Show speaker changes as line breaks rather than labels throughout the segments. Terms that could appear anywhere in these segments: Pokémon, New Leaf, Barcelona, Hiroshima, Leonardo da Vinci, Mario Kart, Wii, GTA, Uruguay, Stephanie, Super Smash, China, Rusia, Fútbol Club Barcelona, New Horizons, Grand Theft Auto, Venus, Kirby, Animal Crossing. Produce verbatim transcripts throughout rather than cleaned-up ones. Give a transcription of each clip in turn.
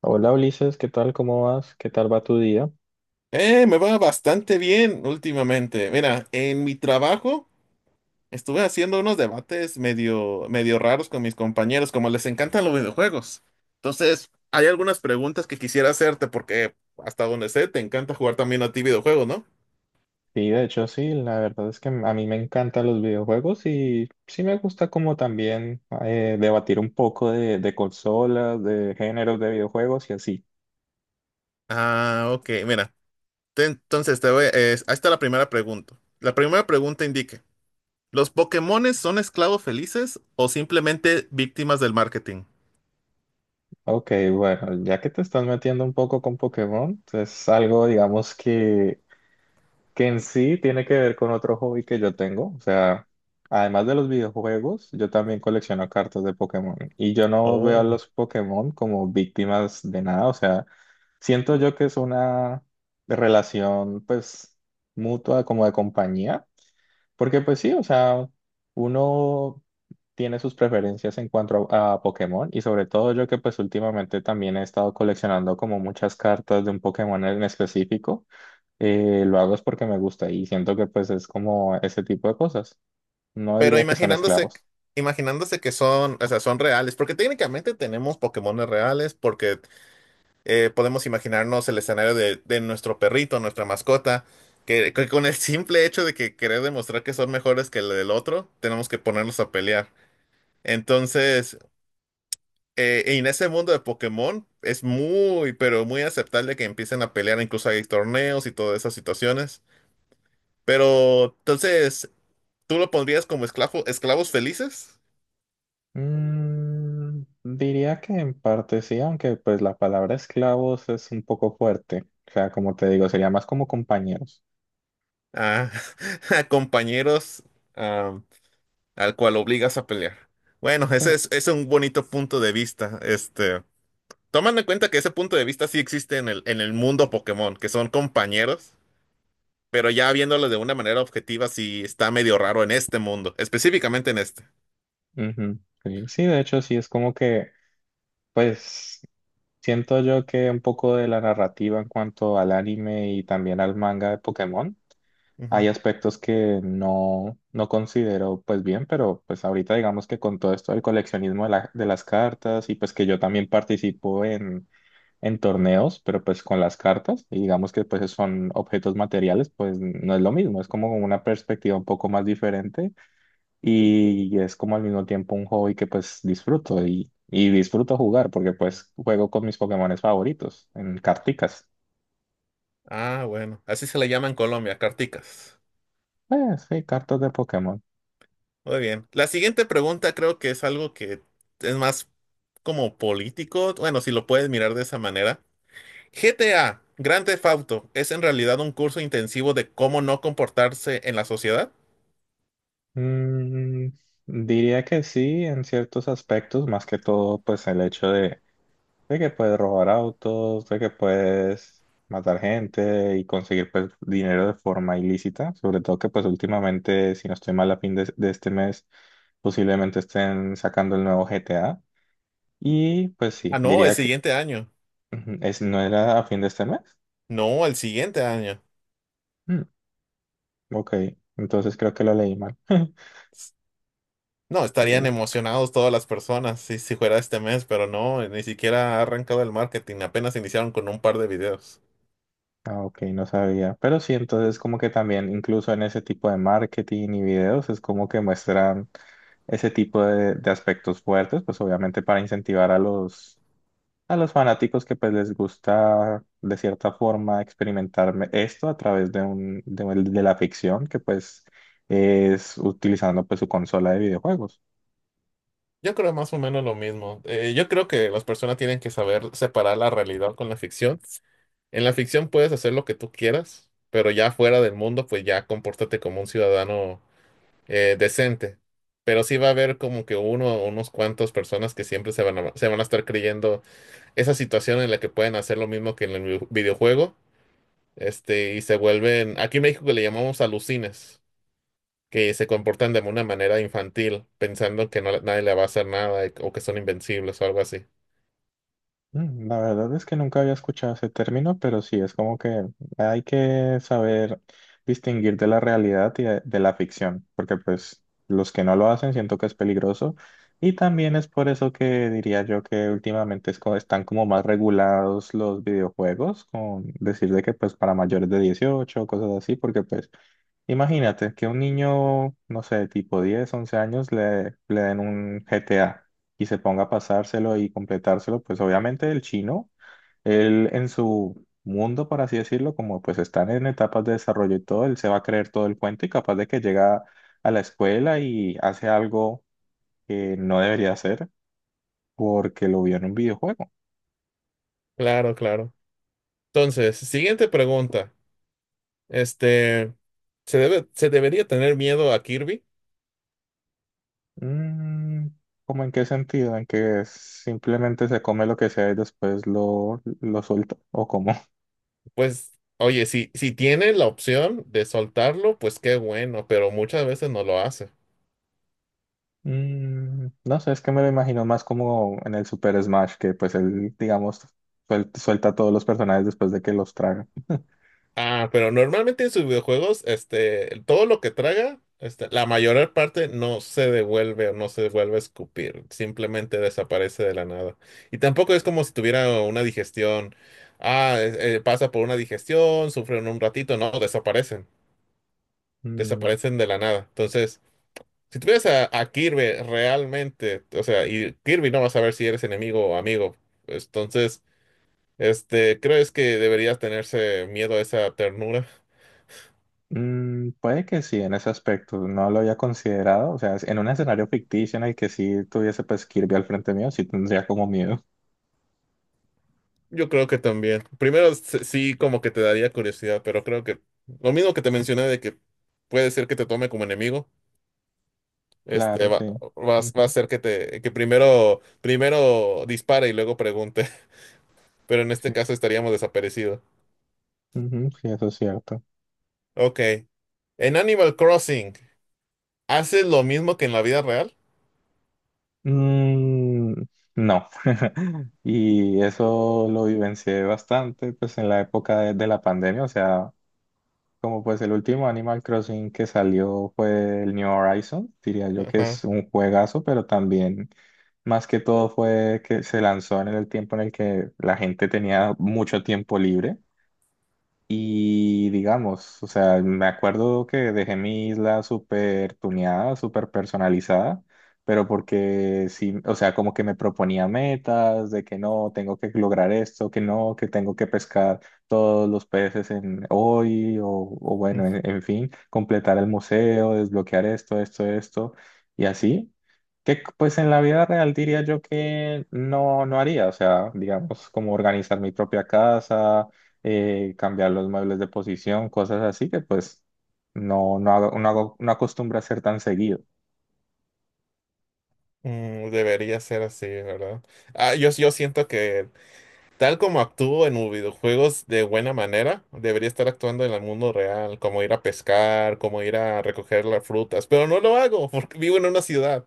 Hola Ulises, ¿qué tal? ¿Cómo vas? ¿Qué tal va tu día?
Eh, me va bastante bien últimamente. Mira, en mi trabajo estuve haciendo unos debates medio, medio raros con mis compañeros, como les encantan los videojuegos. Entonces, hay algunas preguntas que quisiera hacerte porque hasta donde sé, te encanta jugar también a ti videojuegos, ¿no?
Sí, de hecho sí, la verdad es que a mí me encantan los videojuegos y sí me gusta como también eh, debatir un poco de, de consolas, de géneros de videojuegos y así.
Ah, ok, mira. Te- entonces, te voy, es- ahí está la primera pregunta. La primera pregunta indique, ¿los Pokémones son esclavos felices o simplemente víctimas del marketing?
Ok, bueno, ya que te estás metiendo un poco con Pokémon, es algo digamos que, que en sí tiene que ver con otro hobby que yo tengo, o sea. Además de los videojuegos, yo también colecciono cartas de Pokémon y yo no veo a
Oh.
los Pokémon como víctimas de nada. O sea, siento yo que es una relación pues mutua como de compañía, porque pues sí, o sea, uno tiene sus preferencias en cuanto a, a Pokémon y sobre todo yo que pues últimamente también he estado coleccionando como muchas cartas de un Pokémon en específico. Eh, lo hago es porque me gusta y siento que pues es como ese tipo de cosas. No
Pero
diría que son
imaginándose,
esclavos.
imaginándose que son, o sea, son reales, porque técnicamente tenemos Pokémones reales, porque eh, podemos imaginarnos el escenario de, de nuestro perrito, nuestra mascota, que, que con el simple hecho de que querer demostrar que son mejores que el del otro, tenemos que ponernos a pelear. Entonces, eh, en ese mundo de Pokémon es muy, pero muy aceptable que empiecen a pelear, incluso hay torneos y todas esas situaciones. Pero entonces, ¿tú lo pondrías como esclavo, esclavos felices?
Mm, diría que en parte sí, aunque pues la palabra esclavos es un poco fuerte. O sea, como te digo, sería más como compañeros.
A, a compañeros am, al cual obligas a pelear. Bueno, ese
Eh,
es, es un bonito punto de vista. Este, tomando en cuenta que ese punto de vista sí existe en el, en el mundo Pokémon, que son compañeros, pero ya viéndolo de una manera objetiva, sí está medio raro en este mundo, específicamente en este.
Ujú, sí, sí, de hecho sí, es como que pues siento yo que un poco de la narrativa en cuanto al anime y también al manga de Pokémon, hay
Ujú.
aspectos que no, no considero pues bien, pero pues ahorita digamos que con todo esto del coleccionismo de, la- de las cartas y pues que yo también participo en, en torneos, pero pues con las cartas y digamos que pues son objetos materiales, pues no es lo mismo, es como una perspectiva un poco más diferente y es como al mismo tiempo un hobby que pues disfruto y, y disfruto jugar porque pues juego con mis Pokémones favoritos en carticas.
Ah, bueno, así se le llama en Colombia, carticas.
Eh, sí, cartas de Pokémon.
Muy bien. La siguiente pregunta creo que es algo que es más como político, bueno, si lo puedes mirar de esa manera. G T A, Grand Theft Auto, ¿es en realidad un curso intensivo de cómo no comportarse en la sociedad?
Mm, Diría que sí, en ciertos aspectos, más que todo, pues el hecho de, de que puedes robar autos, de que puedes matar gente y conseguir pues dinero de forma ilícita, sobre todo que pues últimamente, si no estoy mal, a fin de, de este mes, posiblemente estén sacando el nuevo G T A. Y pues
Ah,
sí,
no, el
diría que
siguiente año.
ujú, es, no era a fin de este mes.
No, el siguiente año.
Mm, ok, entonces creo que lo leí mal.
No, estarían
Eh,
emocionados todas las personas si, si fuera este mes, pero no, ni siquiera ha arrancado el marketing, apenas iniciaron con un par de videos.
Ah, ok, no sabía. Pero sí, entonces como que también, incluso en ese tipo de marketing y videos, es como que muestran ese tipo de, de aspectos fuertes, pues obviamente para incentivar a los, a los fanáticos que pues les gusta de cierta forma experimentar me- esto a través de un, de, un- de la ficción, que pues es utilizando pues su consola de videojuegos.
Yo creo más o menos lo mismo. Eh, yo creo que las personas tienen que saber separar la realidad con la ficción. En la ficción puedes hacer lo que tú quieras, pero ya fuera del mundo, pues ya compórtate como un ciudadano eh, decente. Pero sí va a haber como que uno o unos cuantos personas que siempre se van a, se van a estar creyendo esa situación en la que pueden hacer lo mismo que en el vi- videojuego, este, y se vuelven, aquí en México le llamamos alucines, que se comportan de una manera infantil, pensando que no, nadie le va a hacer nada y- o que son invencibles o algo así.
Mm, La verdad es que nunca había escuchado ese término, pero sí, es como que hay que saber distinguir de la realidad y de, de la ficción, porque pues los que no lo hacen siento que es peligroso y también es por eso que diría yo que últimamente es co- están como más regulados los videojuegos, con decir de que pues para mayores de dieciocho cosas así, porque pues imagínate que un niño, no sé, tipo diez, once años le, le den un G T A y se ponga a pasárselo y completárselo, pues obviamente el chino, él en su mundo, por así decirlo, como pues están en etapas de desarrollo y todo, él se va a creer todo el cuento y capaz de que llega a la escuela y hace algo que no debería hacer porque lo vio en un videojuego.
Claro, claro. Entonces, siguiente pregunta. Este, ¿se debe, se debería tener miedo a Kirby?
Mm, ¿Cómo en qué sentido? ¿En que simplemente se come lo que sea y después lo, lo suelta? ¿O cómo?
Pues, oye, si, si tiene la opción de soltarlo, pues qué bueno, pero muchas veces no lo hace.
Mm, no sé, es que me lo imagino más como en el Super Smash, que pues él, digamos, suel- suelta a todos los personajes después de que los traga.
Ah, pero normalmente en sus videojuegos, este, todo lo que traga, este, la mayor parte no se devuelve o no se devuelve a escupir, simplemente desaparece de la nada. Y tampoco es como si tuviera una digestión. Ah, es- eh, pasa por una digestión, sufren un ratito, no, desaparecen,
Mm,
desaparecen de la nada. Entonces, si tuvieras a, a Kirby realmente, o sea, y Kirby no va a saber si eres enemigo o amigo, entonces, este, ¿crees que deberías tenerse miedo a esa ternura?
mm, Puede que sí, en ese aspecto, no lo había considerado, o sea, en un escenario ficticio en el que sí tuviese pues Kirby al frente mío, sí tendría como miedo.
Yo creo que también. Primero, se- sí, como que te daría curiosidad, pero creo que lo mismo que te mencioné de que puede ser que te tome como enemigo, este,
Claro, sí.
va, va, a va a
Ujú,
ser que te, que primero, primero dispare y luego pregunte, pero en este
sí,
caso estaríamos desaparecidos.
ujú, sí, eso es cierto.
Ok. En Animal Crossing, ¿haces lo mismo que en la vida real?
Mm, no. Y eso lo vivencié bastante pues en la época de de la pandemia, o sea. Como pues el último Animal Crossing que salió fue el New Horizons, diría yo que
Ajá.
es un juegazo, pero también más que todo fue que se lanzó en el tiempo en el que la gente tenía mucho tiempo libre. Y digamos, o sea, me acuerdo que dejé mi isla súper tuneada, súper personalizada, pero porque sí, o sea, como que me proponía metas de que no, tengo que lograr esto, que no, que tengo que pescar todos los peces en hoy, o, o bueno, en, en fin, completar el museo, desbloquear esto, esto, esto, y así. Que pues en la vida real diría yo que no, no haría, o sea, digamos, como organizar mi propia casa, eh, cambiar los muebles de posición, cosas así que pues no, no hago, no hago, no acostumbro a hacer tan seguido.
Mm, debería ser así, ¿verdad? Ah, yo, yo siento que tal como actúo en los videojuegos de buena manera, debería estar actuando en el mundo real, como ir a pescar, como ir a recoger las frutas, pero no lo hago porque vivo en una ciudad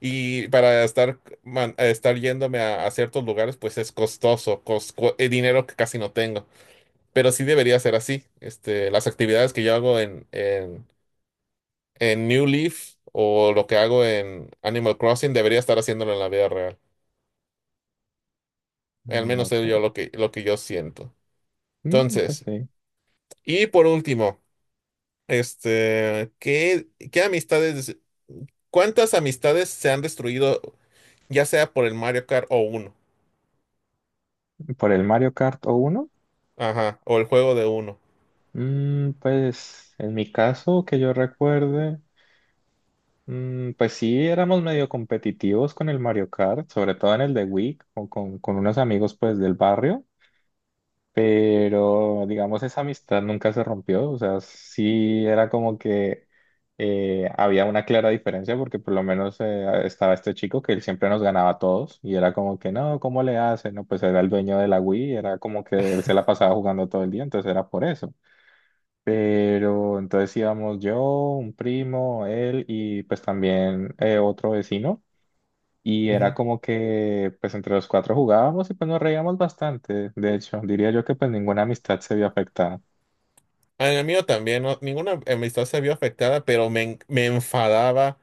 y para estar, man- a estar yéndome a, a ciertos lugares, pues es costoso, cos- cu- eh, dinero que casi no tengo, pero sí debería ser así. Este, las actividades que yo hago en, en New Leaf o lo que hago en Animal Crossing, debería estar haciéndolo en la vida real. Al
Mm,
menos es yo
ok.
lo que, lo que yo siento.
Mm, pues
Entonces,
sí.
y por último, este, ¿qué, qué amistades, cuántas amistades se han destruido, ya sea por el Mario Kart o uno?
Por el Mario Kart o uno,
Ajá, o el juego de uno.
mm, pues en mi caso que yo recuerde, mm, pues sí éramos medio competitivos con el Mario Kart, sobre todo en el de Wii, o con, con unos amigos pues del barrio. Pero, digamos, esa amistad nunca se rompió, o sea, sí era como que eh, había una clara diferencia porque por lo menos eh, estaba este chico que él siempre nos ganaba a todos y era como que, no, ¿cómo le hace? No, pues era el dueño de la Wii, era como que él se la pasaba jugando todo el día, entonces era por eso. Pero entonces íbamos yo, un primo, él y pues también eh, otro vecino. Y era
Ujú.
como que, pues entre los cuatro jugábamos y pues nos reíamos bastante. De hecho, diría yo que pues ninguna amistad se vio afectada.
A mí mío también, no- ninguna amistad se vio afectada, pero me, en- me enfadaba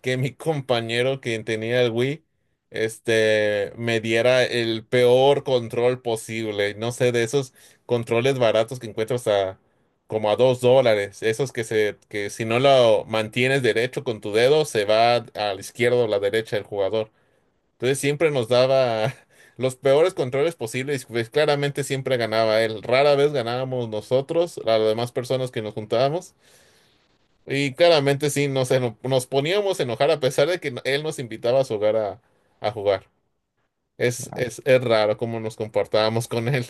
que mi compañero que tenía el Wii, este, me diera el peor control posible. No sé, de esos controles baratos que encuentras a como a dos dólares. Esos que se, que si no lo mantienes derecho con tu dedo, se va a la izquierda o la derecha del jugador. Entonces siempre nos daba los peores controles posibles. Pues claramente siempre ganaba él. Rara vez ganábamos nosotros, a las demás personas que nos juntábamos. Y claramente sí, nos, eno- nos poníamos a enojar a pesar de que no- él nos invitaba a su hogar a, a jugar. Es, es, es raro cómo nos comportábamos con él,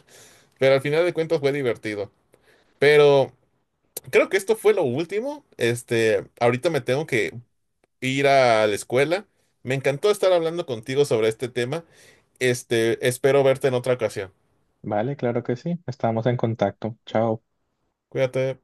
pero al final de cuentas fue divertido. Pero creo que esto fue lo último. Este, ahorita me tengo que ir a la escuela. Me encantó estar hablando contigo sobre este tema. Este, espero verte en otra ocasión.
Vale, claro que sí. Estábamos en contacto. Chao.
Cuídate.